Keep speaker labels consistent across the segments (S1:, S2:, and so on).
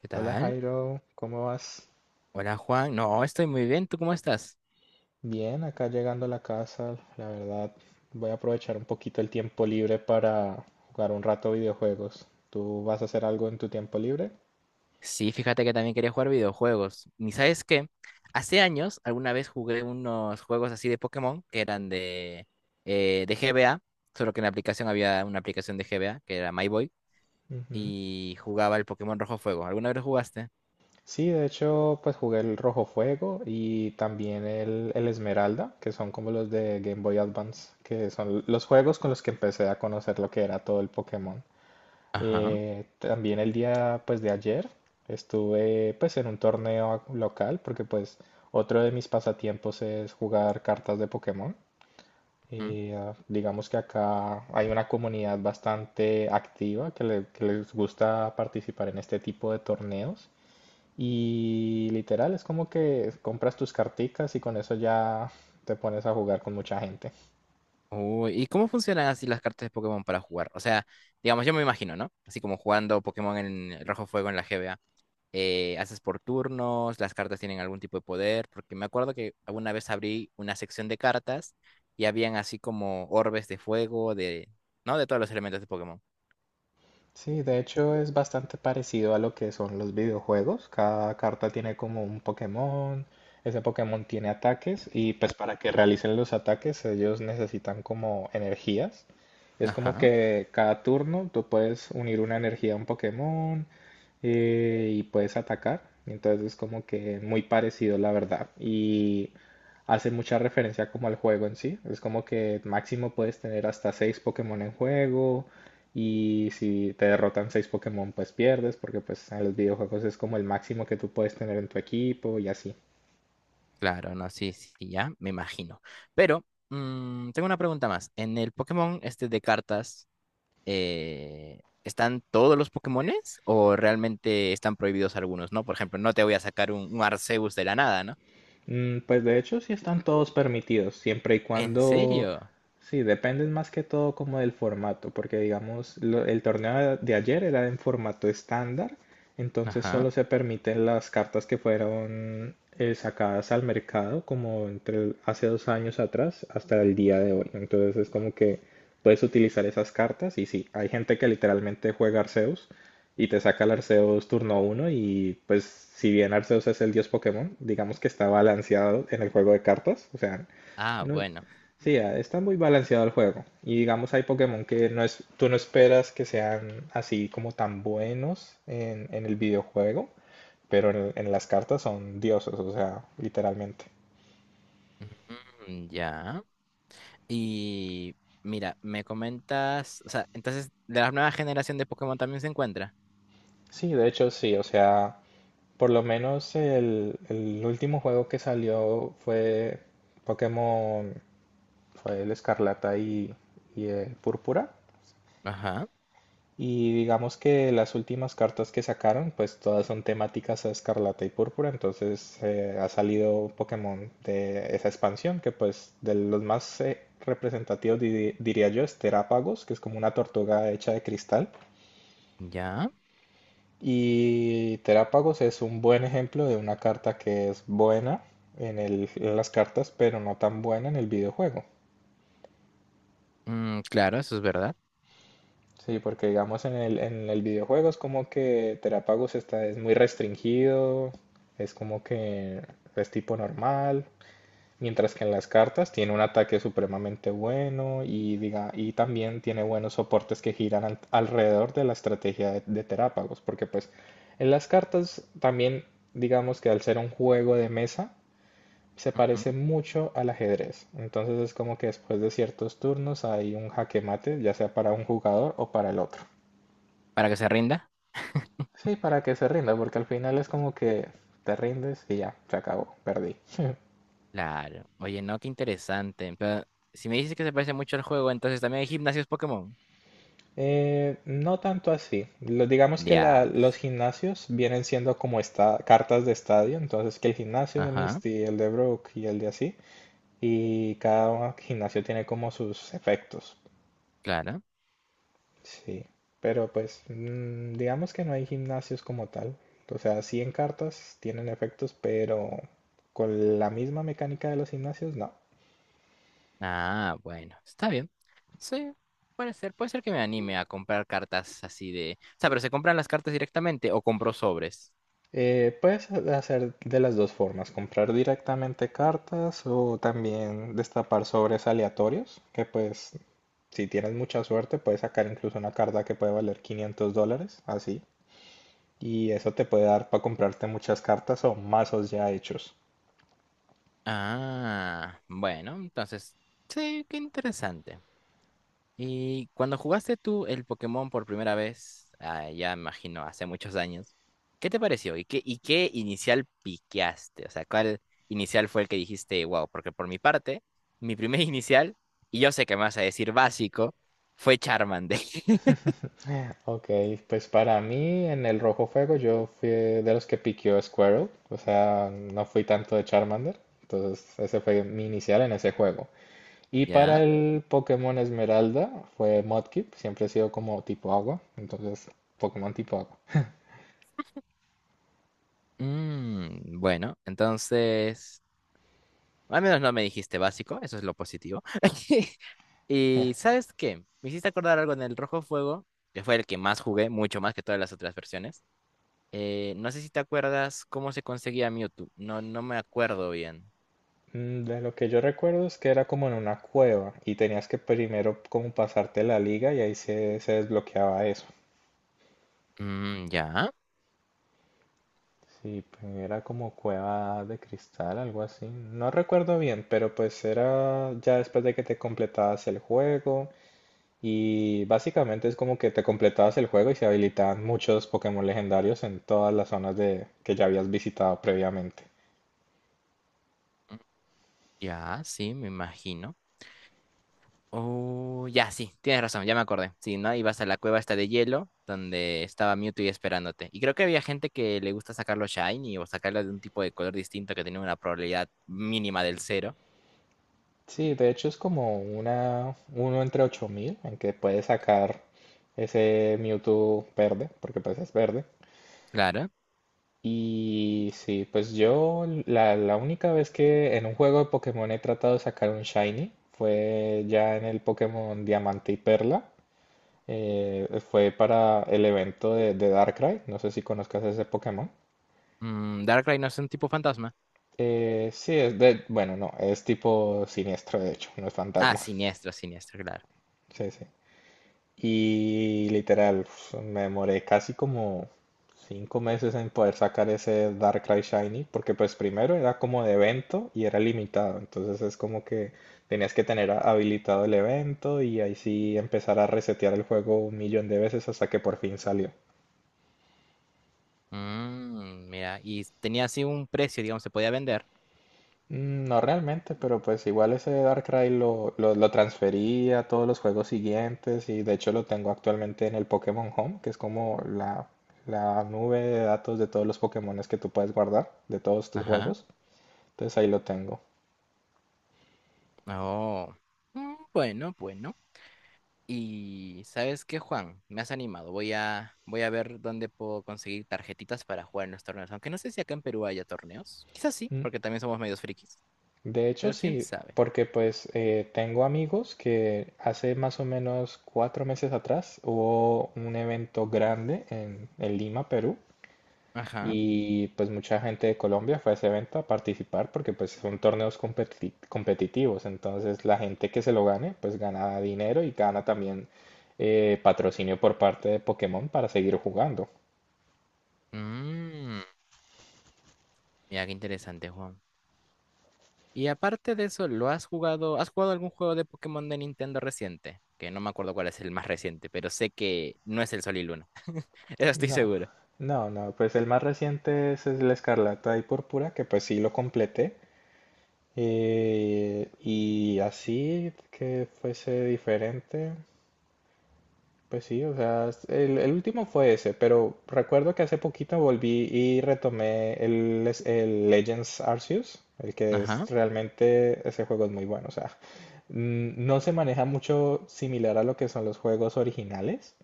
S1: ¿Qué
S2: Hola
S1: tal?
S2: Jairo, ¿cómo vas?
S1: Hola Juan, no, estoy muy bien, ¿tú cómo estás?
S2: Bien, acá llegando a la casa, la verdad, voy a aprovechar un poquito el tiempo libre para jugar un rato videojuegos. ¿Tú vas a hacer algo en tu tiempo libre?
S1: Sí, fíjate que también quería jugar videojuegos. ¿Y sabes qué? Hace años alguna vez jugué unos juegos así de Pokémon que eran de GBA, solo que en la aplicación había una aplicación de GBA que era My Boy
S2: Ujú.
S1: y jugaba el Pokémon Rojo Fuego. ¿Alguna vez lo jugaste?
S2: Sí, de hecho, pues jugué el Rojo Fuego y también el Esmeralda, que son como los de Game Boy Advance, que son los juegos con los que empecé a conocer lo que era todo el Pokémon.
S1: Ajá.
S2: También el día pues de ayer estuve pues en un torneo local porque pues otro de mis pasatiempos es jugar cartas de Pokémon.
S1: ¿Mm?
S2: Y digamos que acá hay una comunidad bastante activa que, que les gusta participar en este tipo de torneos. Y literal es como que compras tus carticas y con eso ya te pones a jugar con mucha gente.
S1: Uy, ¿y cómo funcionan así las cartas de Pokémon para jugar? O sea, digamos, yo me imagino, ¿no? Así como jugando Pokémon en el Rojo Fuego en la GBA. Haces por turnos, las cartas tienen algún tipo de poder, porque me acuerdo que alguna vez abrí una sección de cartas y habían así como orbes de fuego, de, ¿no? de todos los elementos de Pokémon.
S2: Sí, de hecho es bastante parecido a lo que son los videojuegos. Cada carta tiene como un Pokémon, ese Pokémon tiene ataques y pues para que realicen los ataques ellos necesitan como energías. Es como
S1: Ajá,
S2: que cada turno tú puedes unir una energía a un Pokémon y puedes atacar. Entonces es como que muy parecido la verdad. Y hace mucha referencia como al juego en sí. Es como que máximo puedes tener hasta seis Pokémon en juego. Y si te derrotan seis Pokémon, pues pierdes, porque pues en los videojuegos es como el máximo que tú puedes tener en tu equipo y así.
S1: claro, no, sí, sí, sí, ya, me imagino. Pero mm, tengo una pregunta más. ¿En el Pokémon este de cartas están todos los Pokémones o realmente están prohibidos algunos, ¿no? Por ejemplo, no te voy a sacar un Arceus de la nada, ¿no?
S2: Pues de hecho sí están todos permitidos, siempre y
S1: ¿En
S2: cuando,
S1: serio?
S2: sí, dependen más que todo como del formato, porque digamos, el torneo de ayer era en formato estándar, entonces
S1: Ajá.
S2: solo se permiten las cartas que fueron sacadas al mercado como entre hace 2 años atrás hasta el día de hoy. Entonces es como que puedes utilizar esas cartas y sí, hay gente que literalmente juega Arceus y te saca el Arceus turno uno y pues si bien Arceus es el dios Pokémon, digamos que está balanceado en el juego de cartas, o sea,
S1: Ah,
S2: no,
S1: bueno.
S2: sí, está muy balanceado el juego y digamos hay Pokémon que no es, tú no esperas que sean así como tan buenos en el videojuego, pero en las cartas son dioses, o sea, literalmente.
S1: Mm, ya. Y mira, me comentas, o sea, entonces, de la nueva generación de Pokémon también se encuentra.
S2: Sí, de hecho sí, o sea, por lo menos el último juego que salió fue Pokémon, fue el Escarlata y el Púrpura.
S1: Ajá,
S2: Y digamos que las últimas cartas que sacaron, pues todas son temáticas a Escarlata y Púrpura, entonces ha salido Pokémon de esa expansión, que pues de los más representativos diría yo es Terapagos que es como una tortuga hecha de cristal.
S1: ya.
S2: Y Terapagos es un buen ejemplo de una carta que es buena en las cartas, pero no tan buena en el videojuego.
S1: Mm, claro, eso es verdad.
S2: Sí, porque digamos en el videojuego es como que Terapagos es muy restringido, es como que es tipo normal, mientras que en las cartas tiene un ataque supremamente bueno y también tiene buenos soportes que giran alrededor de la estrategia de Terapagos, porque pues en las cartas también digamos que al ser un juego de mesa se parece
S1: Ujú.
S2: mucho al ajedrez, entonces es como que después de ciertos turnos hay un jaque mate, ya sea para un jugador o para el otro.
S1: Para que se rinda.
S2: Sí, para que se rinda, porque al final es como que te rindes y ya, se acabó, perdí.
S1: Claro. Oye, no, qué interesante. Pero si me dices que se parece mucho al juego, entonces también hay gimnasios Pokémon.
S2: No tanto así. Digamos que los
S1: Diablos.
S2: gimnasios vienen siendo como esta, cartas de estadio, entonces que el gimnasio de
S1: Ajá,
S2: Misty, el de Brook y el de así, y cada gimnasio tiene como sus efectos.
S1: claro.
S2: Sí, pero pues digamos que no hay gimnasios como tal. O sea, sí en cartas tienen efectos, pero con la misma mecánica de los gimnasios, no.
S1: Ah, bueno, está bien. Sí, puede ser. Puede ser que me anime a comprar cartas así de... O sea, pero ¿se compran las cartas directamente o compro sobres?
S2: Puedes hacer de las dos formas, comprar directamente cartas o también destapar sobres aleatorios, que pues si tienes mucha suerte puedes sacar incluso una carta que puede valer $500, así. Y eso te puede dar para comprarte muchas cartas o mazos ya hechos.
S1: Ah, bueno, entonces, sí, qué interesante. Y cuando jugaste tú el Pokémon por primera vez, ah, ya me imagino, hace muchos años, ¿qué te pareció? Y qué inicial piqueaste? O sea, ¿cuál inicial fue el que dijiste, wow? Porque por mi parte, mi primer inicial, y yo sé que me vas a decir básico, fue Charmander.
S2: Ok, pues para mí en el Rojo Fuego yo fui de los que piqueó Squirtle, o sea, no fui tanto de Charmander, entonces ese fue mi inicial en ese juego. Y
S1: ¿Ya?
S2: para el Pokémon Esmeralda fue Mudkip, siempre ha sido como tipo agua, entonces Pokémon tipo agua.
S1: Mm, bueno, entonces, al menos no me dijiste básico, eso es lo positivo. Y ¿sabes qué? Me hiciste acordar algo en el Rojo Fuego, que fue el que más jugué, mucho más que todas las otras versiones. No sé si te acuerdas cómo se conseguía Mewtwo. No, no me acuerdo bien.
S2: De lo que yo recuerdo es que era como en una cueva y tenías que primero como pasarte la liga y ahí se desbloqueaba eso.
S1: Mm, ya,
S2: Sí, pues, era como cueva de cristal, algo así. No recuerdo bien, pero pues era ya después de que te completabas el juego. Y básicamente es como que te completabas el juego y se habilitaban muchos Pokémon legendarios en todas las zonas de, que ya habías visitado previamente.
S1: mm, ya, sí, me imagino. Oh, ya, sí, tienes razón, ya me acordé. Sí, ¿no? Ibas a la cueva esta de hielo, donde estaba Mewtwo y esperándote. Y creo que había gente que le gusta sacarlo shiny o sacarlo de un tipo de color distinto que tenía una probabilidad mínima del cero.
S2: Sí, de hecho es como una uno entre 8.000 en que puedes sacar ese Mewtwo verde, porque pues es verde.
S1: Claro.
S2: Y sí, pues yo la única vez que en un juego de Pokémon he tratado de sacar un Shiny fue ya en el Pokémon Diamante y Perla. Fue para el evento de Darkrai. No sé si conozcas ese Pokémon.
S1: Mm, Darkrai no es un tipo fantasma.
S2: Sí, es de. Bueno, no, es tipo siniestro, de hecho, no es
S1: Ah,
S2: fantasma.
S1: siniestro, siniestro, claro.
S2: Sí, sí. Y literal, uf, me demoré casi como 5 meses en poder sacar ese Darkrai Shiny, porque pues primero era como de evento y era limitado, entonces es como que tenías que tener habilitado el evento y ahí sí empezar a resetear el juego un millón de veces hasta que por fin salió.
S1: Mm, mira, y tenía así un precio, digamos, se podía vender.
S2: No realmente, pero pues igual ese Darkrai lo transferí a todos los juegos siguientes y de hecho lo tengo actualmente en el Pokémon Home, que es como la nube de datos de todos los Pokémones que tú puedes guardar, de todos tus
S1: Ajá.
S2: juegos. Entonces ahí lo tengo.
S1: Oh. Mm, bueno, bueno. Y ¿sabes qué, Juan? Me has animado. Voy a ver dónde puedo conseguir tarjetitas para jugar en los torneos. Aunque no sé si acá en Perú haya torneos. Quizás sí,
S2: Mm,
S1: porque también somos medios frikis.
S2: De hecho
S1: Pero quién
S2: sí,
S1: sabe.
S2: porque pues tengo amigos que hace más o menos 4 meses atrás hubo un evento grande en Lima, Perú.
S1: Ajá.
S2: Y pues mucha gente de Colombia fue a ese evento a participar porque pues son torneos competitivos. Entonces la gente que se lo gane pues gana dinero y gana también patrocinio por parte de Pokémon para seguir jugando.
S1: Mm, mira, qué interesante, Juan. Y aparte de eso, ¿lo has jugado? ¿Has jugado algún juego de Pokémon de Nintendo reciente? Que no me acuerdo cuál es el más reciente, pero sé que no es el Sol y Luna. Eso estoy
S2: No,
S1: seguro.
S2: no, no. Pues el más reciente es el Escarlata y Púrpura que pues sí lo completé. Y así que fuese diferente. Pues sí, o sea, el último fue ese, pero recuerdo que hace poquito volví y retomé el Legends Arceus, el que es
S1: Ajá.
S2: realmente, ese juego es muy bueno, o sea, no se maneja mucho similar a lo que son los juegos originales,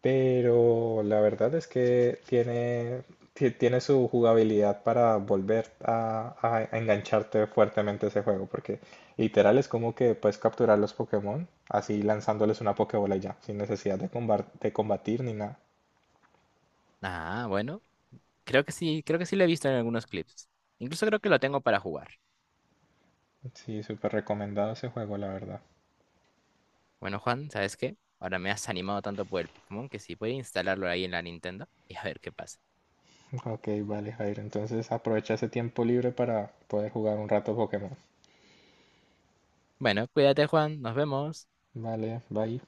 S2: pero la verdad es que tiene su jugabilidad para volver a engancharte fuertemente a ese juego, porque literal es como que puedes capturar los Pokémon así lanzándoles una Pokébola y ya, sin necesidad de combatir ni nada.
S1: Ah, bueno. Creo que sí lo he visto en algunos clips. Incluso creo que lo tengo para jugar.
S2: Sí, súper recomendado ese juego, la verdad.
S1: Bueno, Juan, ¿sabes qué? Ahora me has animado tanto por el Pokémon que sí, voy a instalarlo ahí en la Nintendo y a ver qué pasa.
S2: Ok, vale, Jairo. Entonces aprovecha ese tiempo libre para poder jugar un rato Pokémon.
S1: Bueno, cuídate, Juan. Nos vemos.
S2: Vale, bye.